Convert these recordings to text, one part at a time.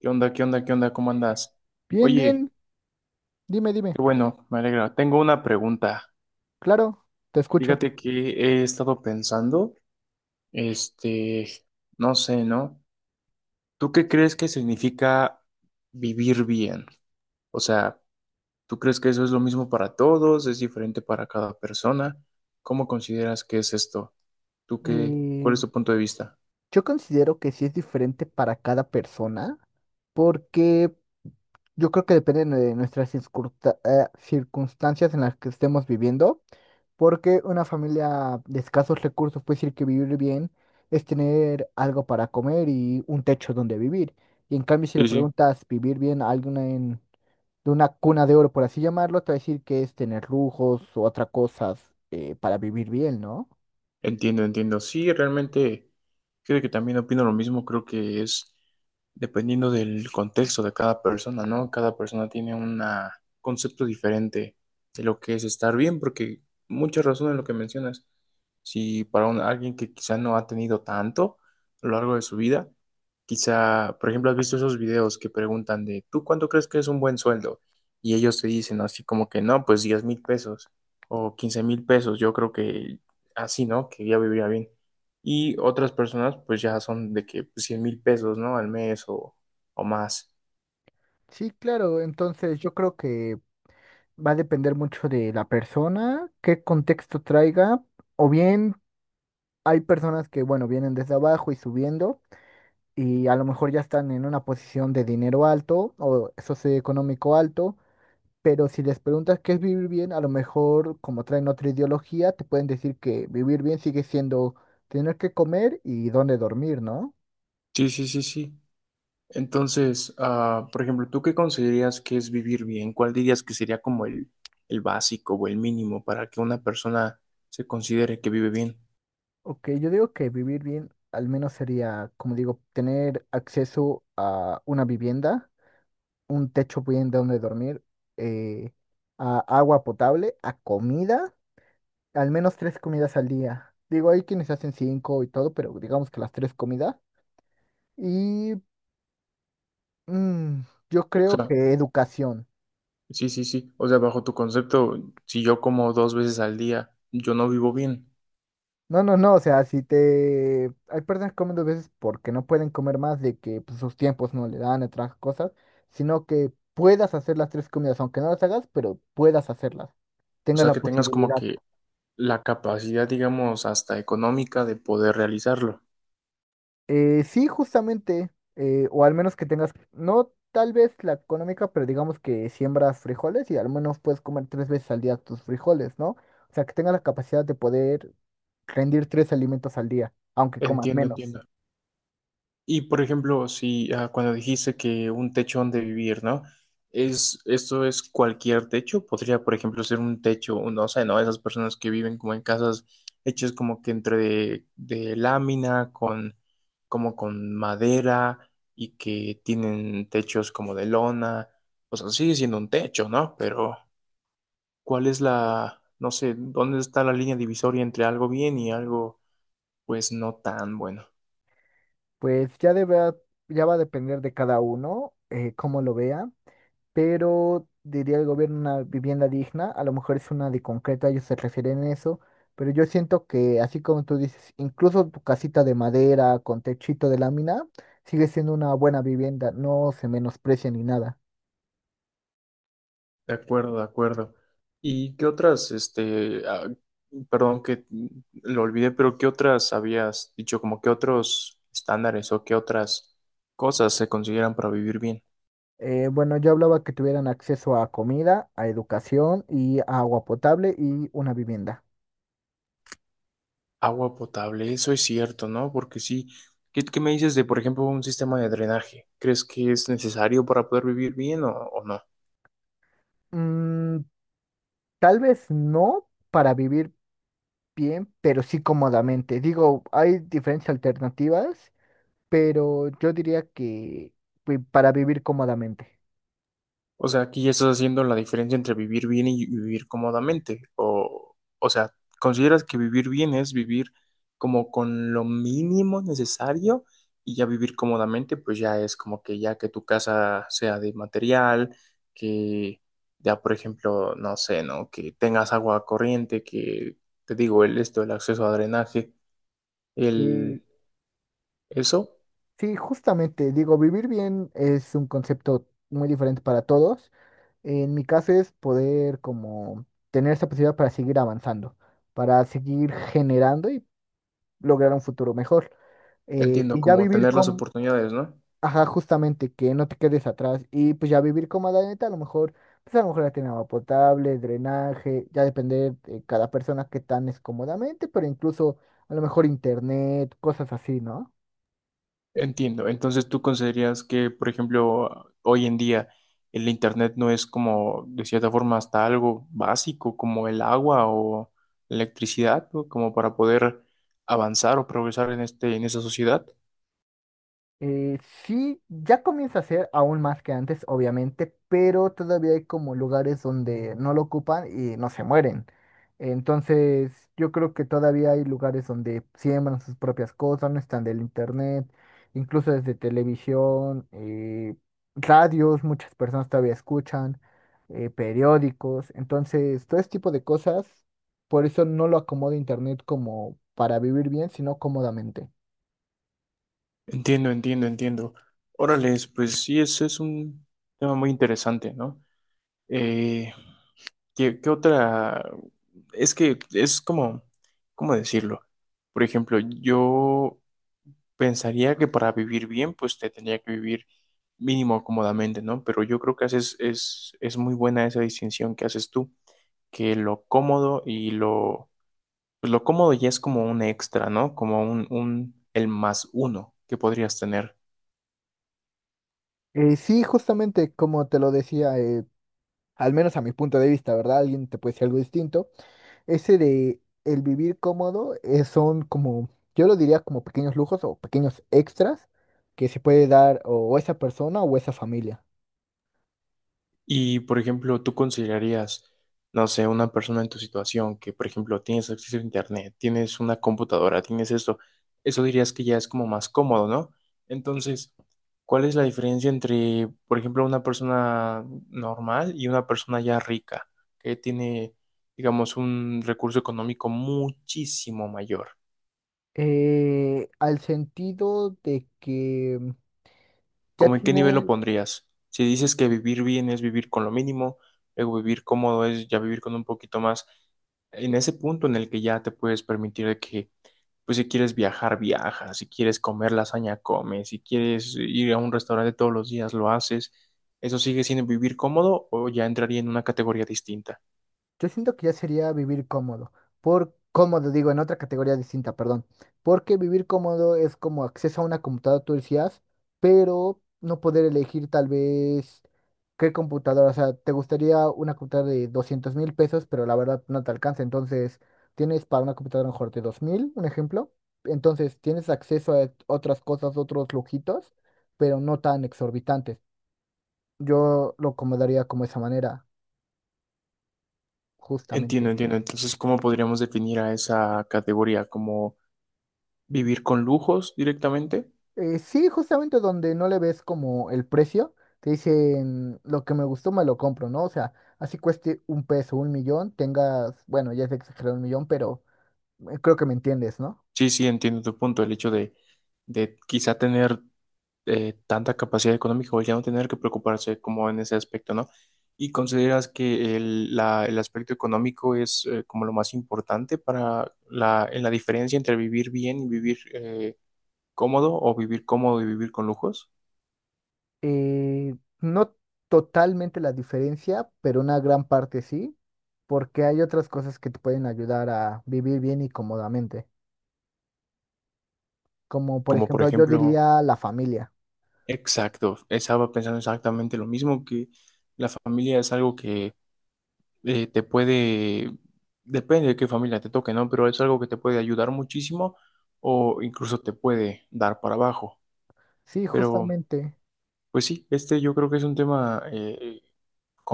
¿Qué onda? ¿Qué onda? ¿Qué onda? ¿Cómo andas? Bien, Oye, bien, dime, dime. qué bueno, me alegra. Tengo una pregunta. Claro, te escucho. Fíjate que he estado pensando, este, no sé, ¿no? ¿Tú qué crees que significa vivir bien? O sea, ¿tú crees que eso es lo mismo para todos? ¿Es diferente para cada persona? ¿Cómo consideras que es esto? ¿Tú qué? Eh, ¿Cuál es tu punto de vista? yo considero que sí es diferente para cada persona, porque yo creo que depende de nuestras circunstancias en las que estemos viviendo, porque una familia de escasos recursos puede decir que vivir bien es tener algo para comer y un techo donde vivir. Y en cambio, si le Sí, sí. preguntas vivir bien a alguien de una cuna de oro, por así llamarlo, te va a decir que es tener lujos o otras cosas para vivir bien, ¿no? Entiendo, entiendo. Sí, realmente creo que también opino lo mismo. Creo que es dependiendo del contexto de cada persona, ¿no? Cada persona tiene un concepto diferente de lo que es estar bien, porque mucha razón en lo que mencionas. Si para alguien que quizá no ha tenido tanto a lo largo de su vida, quizá, por ejemplo, has visto esos videos que preguntan ¿tú cuánto crees que es un buen sueldo? Y ellos te dicen así como que no, pues 10,000 pesos o 15,000 pesos. Yo creo que así, ¿no? Que ya vivía bien. Y otras personas, pues ya son de que pues, 100 mil pesos, ¿no? Al mes o más. Sí, claro, entonces yo creo que va a depender mucho de la persona, qué contexto traiga, o bien hay personas que, bueno, vienen desde abajo y subiendo y a lo mejor ya están en una posición de dinero alto o socioeconómico alto, pero si les preguntas qué es vivir bien, a lo mejor como traen otra ideología, te pueden decir que vivir bien sigue siendo tener que comer y dónde dormir, ¿no? Sí, sí, sí, sí. Entonces, por ejemplo, ¿tú qué consideras que es vivir bien? ¿Cuál dirías que sería como el básico o el mínimo para que una persona se considere que vive bien? Ok, yo digo que vivir bien al menos sería, como digo, tener acceso a una vivienda, un techo bien donde dormir, eh, a agua potable, a comida, al menos tres comidas al día. Digo, hay quienes hacen cinco y todo, pero digamos que las tres comidas. Y mm, yo O creo sea, que educación. sí, sí, sí. O sea, bajo tu concepto, si yo como dos veces al día, yo no vivo bien. No, no, no, o sea, si te... Hay personas que comen dos veces porque no pueden comer más de que pues, sus tiempos no le dan, otras cosas, sino que puedas hacer las tres comidas, aunque no las hagas, pero puedas hacerlas, O tengas sea, la que tengas como posibilidad. que la capacidad, digamos, hasta económica de poder realizarlo. Sí, justamente, o al menos que tengas, no tal vez la económica, pero digamos que siembras frijoles y al menos puedes comer tres veces al día tus frijoles, ¿no? O sea, que tengas la capacidad de poder rendir tres alimentos al día, aunque comas Entiendo, menos. entiendo. Y por ejemplo, si cuando dijiste que un techo donde vivir, ¿no? Esto es cualquier techo, podría, por ejemplo, ser un techo, no sé, ¿no? Esas personas que viven como en casas hechas como que entre de lámina, como con madera, y que tienen techos como de lona. O sea, sigue siendo un techo, ¿no? Pero, ¿cuál es no sé, dónde está la línea divisoria entre algo bien y algo, pues, no tan bueno? Pues ya debe, ya va a depender de cada uno, cómo lo vea, pero diría el gobierno una vivienda digna, a lo mejor es una de concreto, ellos se refieren a eso, pero yo siento que así como tú dices, incluso tu casita de madera con techito de lámina sigue siendo una buena vivienda, no se menosprecia ni nada. De acuerdo, de acuerdo. ¿Y qué otras, perdón que lo olvidé, pero qué otras habías dicho, como qué otros estándares o qué otras cosas se consideran para vivir bien? Bueno, yo hablaba que tuvieran acceso a comida, a educación y a agua potable y una vivienda. Agua potable, eso es cierto, ¿no? Porque sí, ¿qué me dices de, por ejemplo, un sistema de drenaje? ¿Crees que es necesario para poder vivir bien o no? Mm, Tal vez no para vivir bien, pero sí cómodamente. Digo, hay diferentes alternativas, pero yo diría que pues, para vivir cómodamente. O sea, aquí ya estás haciendo la diferencia entre vivir bien y vivir cómodamente. O sea, ¿consideras que vivir bien es vivir como con lo mínimo necesario y ya vivir cómodamente, pues ya es como que ya que tu casa sea de material, que ya, por ejemplo, no sé, ¿no? Que tengas agua corriente, que te digo, el acceso a drenaje, Y el eso, sí, justamente, digo, vivir bien es un concepto muy diferente para todos. En mi caso es poder como tener esa posibilidad para seguir avanzando, para seguir generando y lograr un futuro mejor. Entiendo, Y ya como vivir tener las con. oportunidades, ¿no? Ajá, justamente, que no te quedes atrás. Y pues ya vivir como la neta a lo mejor, pues a lo mejor ya tiene agua potable, drenaje, ya depende de cada persona que tan es cómodamente, pero incluso a lo mejor internet, cosas así, ¿no? Entiendo. Entonces, ¿tú considerarías que, por ejemplo, hoy en día el internet no es como, de cierta forma, hasta algo básico como el agua o la electricidad, ¿no? Como para poder avanzar o progresar en esa sociedad? Eh, sí, ya comienza a ser aún más que antes, obviamente, pero todavía hay como lugares donde no lo ocupan y no se mueren. Entonces, yo creo que todavía hay lugares donde siembran sus propias cosas, no están del internet, incluso desde televisión, radios, muchas personas todavía escuchan, periódicos. Entonces, todo este tipo de cosas, por eso no lo acomoda internet como para vivir bien, sino cómodamente. Entiendo, entiendo, entiendo. Órales, pues sí, ese es un tema muy interesante, ¿no? Eh, ¿qué otra? Es que es como, ¿cómo decirlo? Por ejemplo, yo pensaría que para vivir bien, pues te tendría que vivir mínimo cómodamente, ¿no? Pero yo creo que es muy buena esa distinción que haces tú, que lo cómodo y lo, pues lo cómodo ya es como un extra, ¿no? Como el más uno que podrías tener. Sí, justamente como te lo decía, al menos a mi punto de vista, ¿verdad? Alguien te puede decir algo distinto. Ese de el vivir cómodo son como, yo lo diría como pequeños lujos o pequeños extras que se puede dar o esa persona o esa familia. Y, por ejemplo, tú considerarías, no sé, una persona en tu situación que, por ejemplo, tienes acceso a internet, tienes una computadora, tienes esto, eso dirías que ya es como más cómodo, ¿no? Entonces, ¿cuál es la diferencia entre, por ejemplo, una persona normal y una persona ya rica, que tiene, digamos, un recurso económico muchísimo mayor? Al sentido de que ya ¿Cómo en qué nivel lo tiene. pondrías? Si dices que vivir bien es vivir con lo mínimo, luego vivir cómodo es ya vivir con un poquito más, en ese punto en el que ya te puedes permitir de que, pues si quieres viajar, viajas, si quieres comer lasaña, comes, si quieres ir a un restaurante todos los días, lo haces. ¿Eso sigue siendo vivir cómodo o ya entraría en una categoría distinta? Yo siento que ya sería vivir cómodo. Por cómodo, digo, en otra categoría distinta, perdón. Porque vivir cómodo es como acceso a una computadora, tú decías, pero no poder elegir tal vez qué computadora. O sea, te gustaría una computadora de 200,000 pesos, pero la verdad no te alcanza. Entonces, tienes para una computadora mejor de 2,000, un ejemplo. Entonces, tienes acceso a otras cosas, otros lujitos, pero no tan exorbitantes. Yo lo acomodaría como esa manera, Entiendo, justamente. entiendo. Entonces, ¿cómo podríamos definir a esa categoría? ¿Como vivir con lujos directamente? Sí, justamente donde no le ves como el precio, te dicen lo que me gustó me lo compro, ¿no? O sea, así cueste 1 peso, 1,000,000, tengas, bueno, ya es exagerado 1,000,000, pero creo que me entiendes, ¿no? Sí, sí, entiendo tu punto. El hecho de, quizá tener tanta capacidad económica o ya no tener que preocuparse como en ese aspecto, ¿no? ¿Y consideras que el aspecto económico es como lo más importante para en la diferencia entre vivir bien y vivir cómodo o vivir cómodo y vivir con lujos? Eh, no totalmente la diferencia, pero una gran parte sí, porque hay otras cosas que te pueden ayudar a vivir bien y cómodamente, como por Como por ejemplo yo ejemplo, diría la familia. exacto, estaba pensando exactamente lo mismo, que familia es algo que te puede, depende de qué familia te toque, ¿no? Pero es algo que te puede ayudar muchísimo o incluso te puede dar para abajo. Sí, Pero, justamente. pues sí, yo creo que es un tema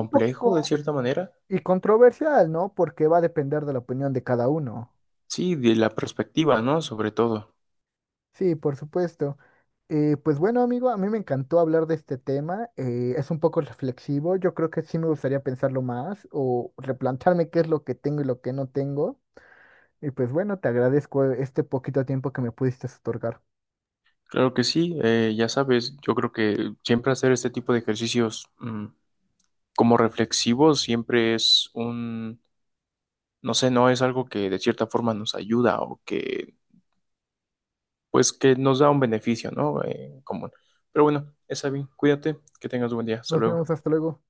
Un de poco cierta manera. y controversial, ¿no? Porque va a depender de la opinión de cada uno. Sí, de la perspectiva, ¿no? Sobre todo. Sí, por supuesto. Pues bueno, amigo, a mí me encantó hablar de este tema. Es un poco reflexivo. Yo creo que sí me gustaría pensarlo más o replantarme qué es lo que tengo y lo que no tengo. Y pues bueno, te agradezco este poquito tiempo que me pudiste otorgar. Claro que sí, ya sabes, yo creo que siempre hacer este tipo de ejercicios como reflexivos siempre es no sé, no es algo que de cierta forma nos ayuda o que pues que nos da un beneficio, ¿no? Común. Pero bueno, esa bien, cuídate, que tengas un buen día, hasta Nos luego. vemos, hasta luego.